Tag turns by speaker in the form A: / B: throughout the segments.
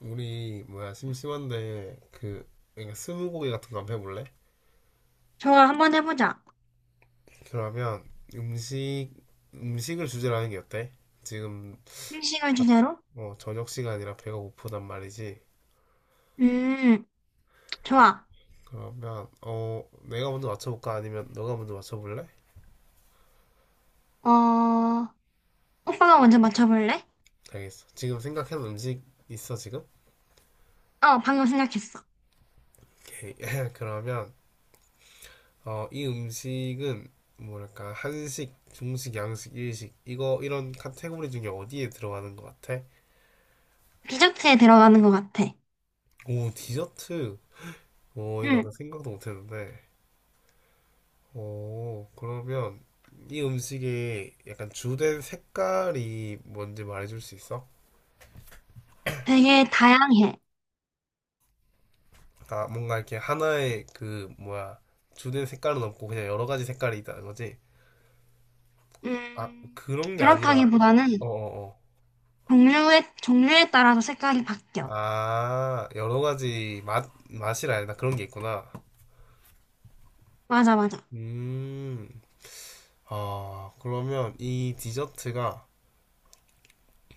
A: 우리 뭐야 심심한데 그러니까 스무고개 같은 거 한번 해볼래?
B: 좋아, 한번 해보자.
A: 그러면 음식 음식을 주제로 하는 게 어때? 지금
B: 생식을
A: 딱,
B: 주제로?
A: 저녁 시간이라 배가 고프단 말이지.
B: 음, 좋아.
A: 그러면 내가 먼저 맞춰볼까? 아니면 너가 먼저 맞춰볼래?
B: 어, 오빠가 먼저 맞춰볼래?
A: 알겠어. 지금 생각한 음식 있어 지금?
B: 어, 방금 생각했어.
A: 오케이. 그러면 이 음식은 뭐랄까 한식, 중식, 양식, 일식 이거 이런 카테고리 중에 어디에 들어가는 것 같아?
B: 디저트에 들어가는 것 같아.
A: 오, 디저트. 오, 이거
B: 음,
A: 약간 생각도 못했는데. 오, 그러면 이 음식의 약간 주된 색깔이 뭔지 말해줄 수 있어?
B: 되게 다양해.
A: 아, 뭔가 이렇게 하나의 그 뭐야 주된 색깔은 없고 그냥 여러 가지 색깔이 있다는 거지? 아,
B: 음,
A: 그런 게 아니라,
B: 그렇다기보다는
A: 어어어.
B: 종류에 따라서 색깔이 바뀌어.
A: 아, 여러 가지 맛 맛이라 해야 되 그런 게 있구나.
B: 맞아, 맞아.
A: 음, 아, 그러면 이 디저트가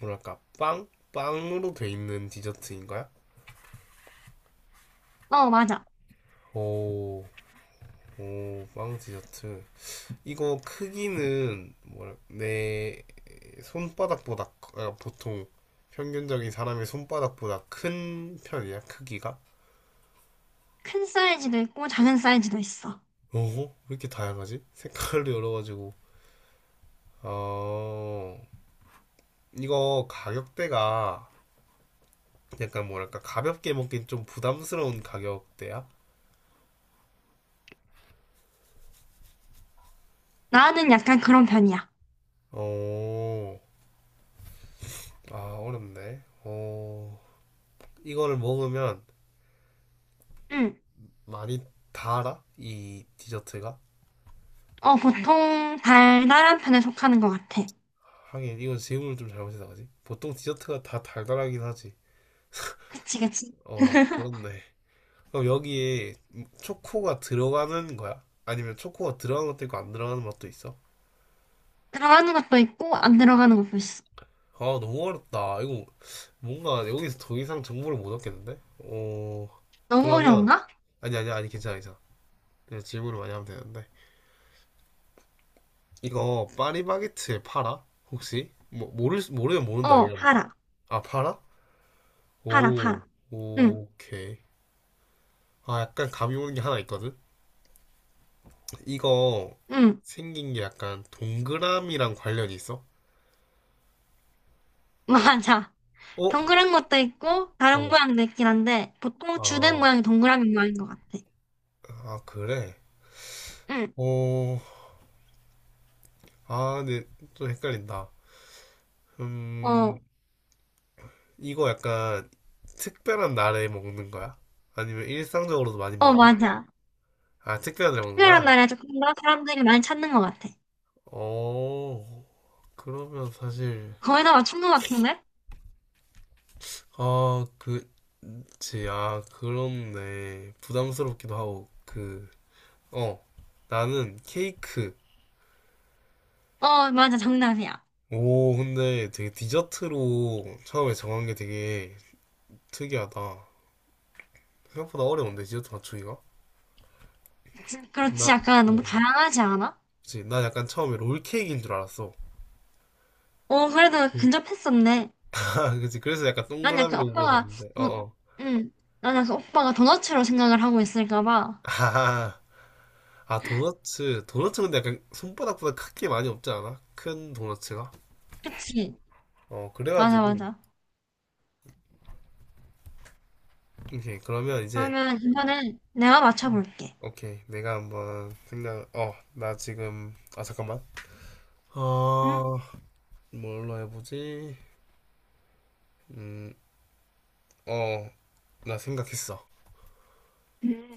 A: 뭐랄까 빵 빵으로 돼 있는 디저트인 거야?
B: 어, 맞아.
A: 오. 오, 빵 디저트. 이거 크기는 뭐라 내 손바닥보다 아, 보통 평균적인 사람의 손바닥보다 큰 편이야, 크기가.
B: 큰 사이즈도 있고 작은 사이즈도 있어.
A: 오호, 왜 이렇게 다양하지? 색깔도 여러 가지고. 어, 이거 가격대가 약간 뭐랄까 가볍게 먹긴 좀 부담스러운 가격대야.
B: 나는 약간 그런 편이야.
A: 어, 아, 어렵네. 이거를 먹으면
B: 음,
A: 많이 달아? 이 디저트가?
B: 어, 보통 달달한 편에 속하는 것 같아.
A: 하긴 이건 질문을 좀 잘못했다 그지? 보통 디저트가 다 달달하긴 하지.
B: 그치, 그치.
A: 그렇네. 그럼 여기에 초코가 들어가는 거야? 아니면 초코가 들어가는 것도 있고 안 들어가는 맛도 있어?
B: 들어가는 것도 있고 안 들어가는 것도 있어.
A: 아, 너무 어렵다. 이거 뭔가 여기서 더 이상 정보를 못 얻겠는데?
B: 너무
A: 그러면
B: 어려운가?
A: 아니 아니 아니 괜찮아 괜찮아. 그냥 질문을 많이 하면 되는데 이거 파리바게트에 팔아? 혹시? 뭐 모르면 모른다
B: 어,
A: 그냥.
B: 파라.
A: 아, 팔아?
B: 파라,
A: 오,
B: 파라. 응,
A: 오케이. 아, 약간 감이 오는 게 하나 있거든. 이거
B: 응,
A: 생긴 게 약간 동그라미랑 관련이 있어?
B: 맞아.
A: 어?
B: 동그란 것도 있고 다른
A: 어.
B: 모양도 있긴 한데 보통 주된
A: 아,
B: 모양이 동그라미 모양인 것 같아.
A: 아, 그래?
B: 응,
A: 어, 아, 근데 좀 헷갈린다. 음,
B: 어,
A: 이거 약간 특별한 날에 먹는 거야? 아니면 일상적으로도 많이
B: 어,
A: 먹어?
B: 맞아.
A: 아, 특별한 날에 먹는
B: 특별한
A: 거야?
B: 날에 조금 더 사람들이 많이 찾는 것 같아.
A: 어, 그러면 사실,
B: 거의 다 맞춘 것 같은데?
A: 아, 그치, 아, 그렇네. 부담스럽기도 하고, 어, 나는 케이크.
B: 어, 맞아, 정답이야.
A: 오, 근데 되게 디저트로 처음에 정한 게 되게 특이하다. 생각보다 어려운데, 디저트 맞추기가?
B: 지-
A: 나,
B: 그렇지, 약간 너무 다양하지 않아?
A: 그치. 나 약간 처음에 롤케이크인 줄 알았어.
B: 어, 그래도
A: 음,
B: 근접했었네.
A: 아, 그치. 그래서 약간
B: 난 약간
A: 동그라미로
B: 오빠가,
A: 물어봤는데, 어,
B: 도-
A: 어.
B: 응, 난 약간 오빠가 도너츠로 생각을 하고 있을까 봐.
A: 아, 아, 도너츠. 도너츠 근데 약간 손바닥보다 크게 많이 없지 않아? 큰 도너츠가?
B: 그치. 맞아,
A: 그래가지고.
B: 맞아.
A: 오케이. 그러면 이제,
B: 그러면 이번엔 내가 맞춰볼게.
A: 오케이. 내가 한번 생각, 나 지금, 아, 잠깐만.
B: 응?
A: 어, 뭘로 해보지? 음, 어, 나 생각했어.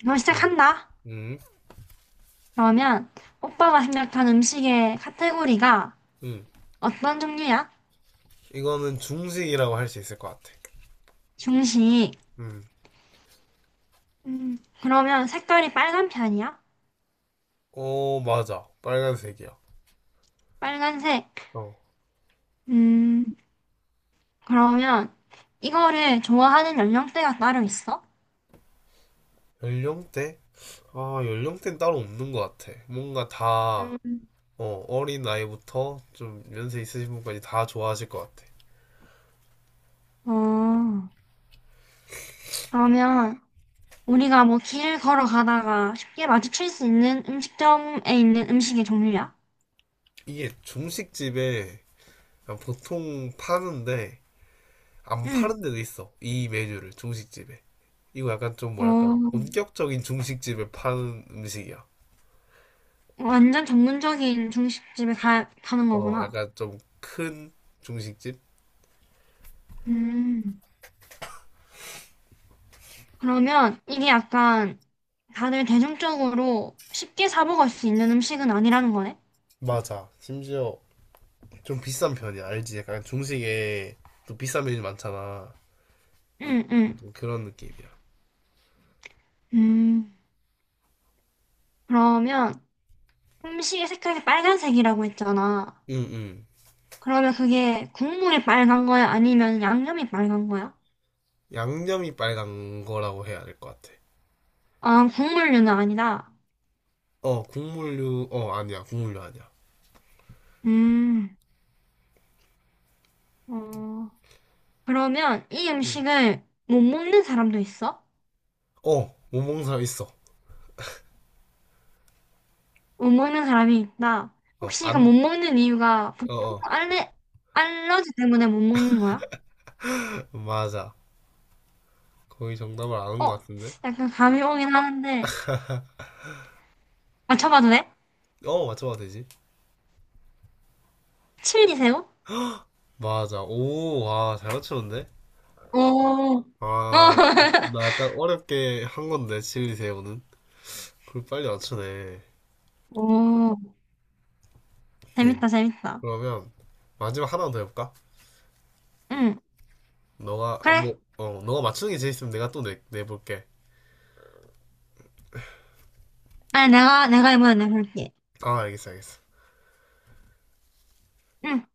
B: 그럼
A: 음,
B: 시작한다.
A: 음,
B: 그러면 오빠가 생각한 음식의 카테고리가
A: 음.
B: 어떤 종류야?
A: 이거는 중식이라고 할 수 있을 것 같아.
B: 중식.
A: 음.
B: 그러면 색깔이 빨간 편이야?
A: 어, 맞아. 빨간색이야.
B: 빨간색.
A: 어.
B: 음, 그러면 이거를 좋아하는 연령대가 따로 있어?
A: 연령대? 아, 연령대는 따로 없는 것 같아. 뭔가 다,
B: 음.
A: 어린 나이부터 좀 연세 있으신 분까지 다 좋아하실 것 같아.
B: 어, 그러면 우리가 뭐 길 걸어가다가 쉽게 마주칠 수 있는 음식점에 있는 음식의 종류야?
A: 이게 중식집에 그냥 보통 파는데, 안
B: 응.
A: 파는 데도 있어. 이 메뉴를, 중식집에. 이거 약간 좀 뭐랄까,
B: 어,
A: 본격적인 중식집에 파는 음식이야.
B: 완전 전문적인 중식집에 가는 거구나.
A: 약간 좀 큰 중식집?
B: 음. 그러면 이게 약간 다들 대중적으로 쉽게 사 먹을 수 있는 음식은 아니라는 거네?
A: 맞아. 심지어 좀 비싼 편이야. 알지? 약간 중식에 또 비싼 메뉴 많잖아.
B: 응, 응.
A: 그런 느낌이야.
B: 음. 그러면 음식의 색깔이 빨간색이라고 했잖아.
A: 응, 응.
B: 그러면 그게 국물이 빨간 거야? 아니면 양념이 빨간 거야?
A: 양념이 빨간 거라고 해야 될 것 같아.
B: 아, 국물류는 아니다.
A: 국물류, 아니야. 국물류 아니야.
B: 음. 어. 그러면 이
A: 응.
B: 음식을 못 먹는 사람도 있어?
A: 못 먹는 사람 있어.
B: 못 먹는 사람이 있다.
A: 어,
B: 혹시 이거 못
A: 안,
B: 먹는 이유가 보통
A: 어, 어.
B: 알레, 알러지 때문에 못 먹는 거야?
A: 맞아. 거의 정답을 아는 것
B: 어,
A: 같은데?
B: 약간 감이 오긴 하는데. 맞춰봐도 돼?
A: 맞춰봐도 되지.
B: 칠리새우?
A: 맞아. 오, 와, 잘 맞추는데?
B: 오, 오
A: 아, 나 약간 어렵게 한 건데, 칠리 새우는. 그걸 빨리 맞추네.
B: 오,
A: 오케이.
B: 재밌다, 재밌다.
A: 그러면 마지막 하나 더 해볼까?
B: 응,
A: 너가 아,
B: 그래.
A: 뭐 어, 너가 맞추는 게 재밌으면 내가 또 내볼게.
B: 아니, 내가 이번에 내볼게.
A: 아, 알겠어, 알겠어.
B: 응,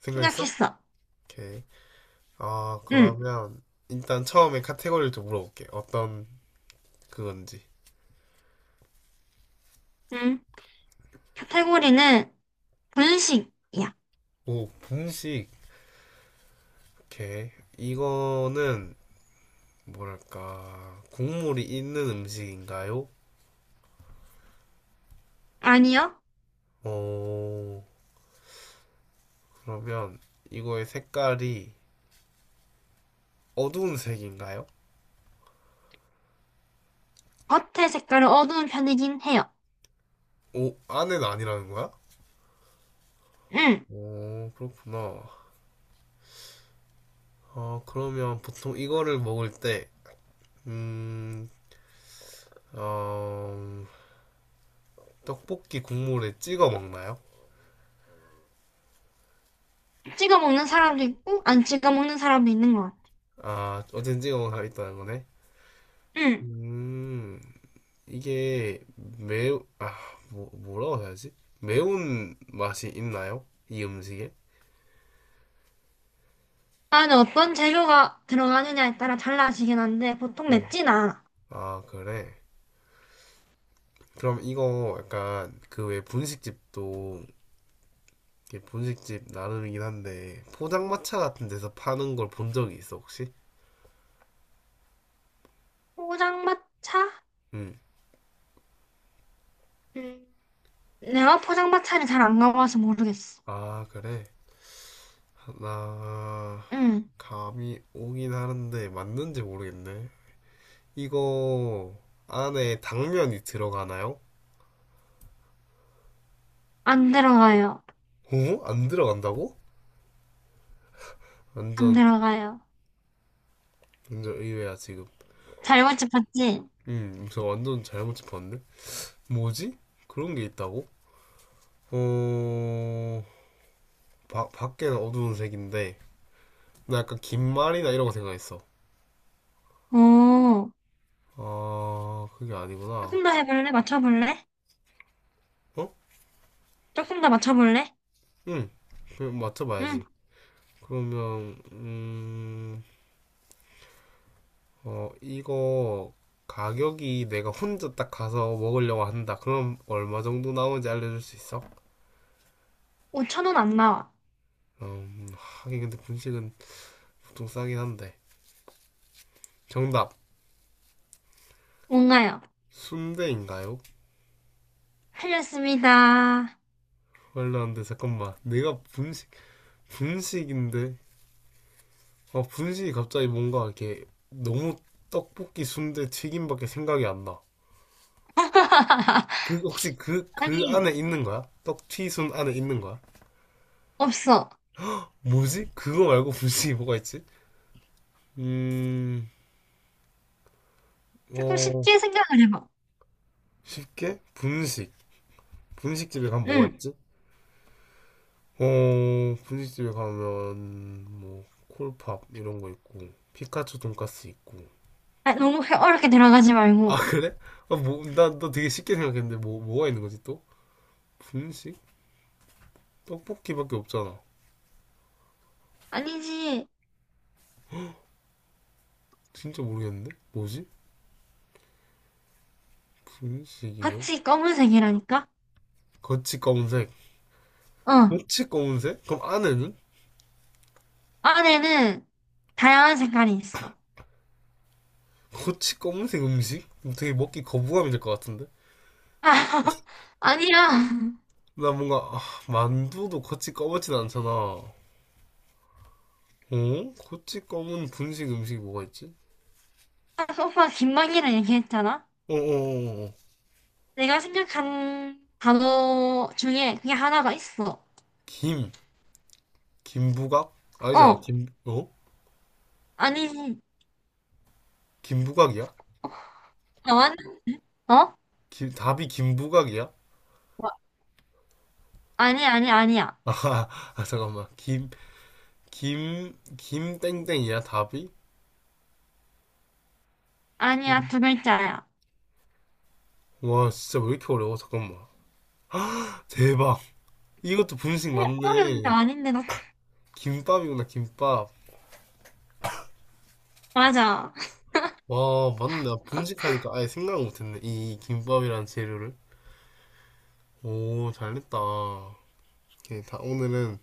A: 생각했어?
B: 생각했어.
A: 오케이. 아,
B: 응,
A: 그러면 일단 처음에 카테고리를 좀 물어볼게. 어떤 그건지.
B: 응. 카테고리는 분식이야.
A: 오, 분식. 오케이. 이거는 뭐랄까 국물이 있는 음식인가요?
B: 아니요.
A: 오, 그러면 이거의 색깔이 어두운 색인가요?
B: 겉의 색깔은 어두운 편이긴 해요.
A: 오, 안에는 아니라는 거야?
B: 응.
A: 오, 그렇구나. 그러면 보통 이거를 먹을 때, 음, 어, 떡볶이 국물에 찍어 먹나요?
B: 찍어 먹는 사람도 있고 안 찍어 먹는 사람도 있는 것 같아.
A: 아, 어쨌든 찍어 먹겠다는 거네.
B: 응.
A: 음, 이게 매우, 뭐라고 해야지? 매운 맛이 있나요? 이 음식에?
B: 안에 어떤 재료가 들어가느냐에 따라 달라지긴 한데 보통
A: 어.
B: 맵진 않아.
A: 아, 그래. 그럼 이거 약간 그 왜 분식집도 이게 분식집 나름이긴 한데 포장마차 같은 데서 파는 걸 본 적이 있어, 혹시?
B: 포장마차?
A: 음.
B: 음. 내가 포장마차를 잘 안 가봐서 모르겠어.
A: 아, 그래? 나
B: 응.
A: 감이 오긴 하는데 맞는지 모르겠네. 이거 안에 당면이 들어가나요?
B: 안 들어가요.
A: 어? 안 들어간다고?
B: 안
A: 완전
B: 들어가요.
A: 완전 의외야 지금.
B: 잘 맞춰봤지?
A: 저 완전 잘못 짚었는데? 뭐지? 그런 게 있다고? 어, 밖에는 어두운 색인데 나 약간 김말이나 이런 거 생각했어.
B: 오.
A: 아, 그게 아니구나.
B: 조금 더 해볼래? 맞춰볼래?
A: 어?
B: 조금 더 맞춰볼래?
A: 응, 그럼
B: 응.
A: 맞춰봐야지. 그러면 이거 가격이 내가 혼자 딱 가서 먹으려고 한다. 그럼 얼마 정도 나오는지 알려줄 수 있어?
B: 5천 원 안 나와.
A: 하긴 근데 분식은 보통 싸긴 한데. 정답,
B: 뭔가요?
A: 순대인가요?
B: 틀렸습니다.
A: 말려는데 잠깐만, 내가 분식인데? 분식이 갑자기 뭔가 이렇게 너무 떡볶이, 순대, 튀김밖에 생각이 안 나. 그, 혹시 그, 그
B: 아니,
A: 안에 있는 거야? 떡튀순 안에 있는 거야?
B: 없어.
A: 뭐지? 그거 말고 분식이 뭐가 있지? 음,
B: 조금
A: 어,
B: 쉽게 생각을 해봐.
A: 쉽게 분식. 분식집에 가면 뭐가
B: 응.
A: 있지? 분식집에 가면 뭐 콜팝 이런 거 있고 피카츄 돈까스 있고.
B: 아, 너무 어렵게 들어가지
A: 아,
B: 말고.
A: 그래? 아, 뭐, 나, 너 되게 쉽게 생각했는데 뭐가 있는 거지 또? 분식? 떡볶이밖에 없잖아.
B: 아니지.
A: 진짜 모르겠는데? 뭐지? 분식이요?
B: 같이 검은색이라니까?
A: 거치 검은색.
B: 어.
A: 거치 검은색? 그럼 안에는?
B: 안에는 다양한 색깔이 있어.
A: 거치 검은색 음식? 되게 먹기 거부감이 들 것 같은데?
B: 아, 아니야.
A: 나 뭔가 만두도 거치 검은진 않잖아. 어? 고치 검은 분식 음식이 뭐가 있지?
B: 아까 오빠가 긴막이라 얘기했잖아?
A: 어어어어.
B: 내가 생각한 단어 중에 그게 하나가 있어.
A: 김. 김부각? 아니잖아.
B: 어.
A: 김, 어?
B: 아니지.
A: 김부각이야?
B: 어? 완- 어?
A: 김, 답이 김부각이야?
B: 뭐, 아니, 아니, 아니야.
A: 아, 아, 잠깐만. 김땡땡이야, 답이?
B: 아니야,
A: 김.
B: 두 글자야.
A: 와, 진짜 왜 이렇게 어려워? 잠깐만. 대박. 이것도 분식
B: 그래, 어려운 게
A: 맞네.
B: 아닌데, 너.
A: 김밥이구나, 김밥.
B: 맞아.
A: 와, 맞네. 나 분식하니까 아예 생각을 못했네. 이 김밥이라는 재료를. 오, 잘됐다. 오케이, 다, 오늘은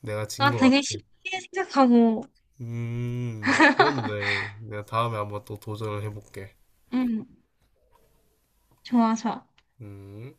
A: 내가 진
B: 나
A: 것
B: 되게
A: 같아.
B: 쉽게 생각하고.
A: 그렇네. 내가 다음에 한번 또 도전을 해볼게.
B: 응. 좋아, 좋아.
A: 음.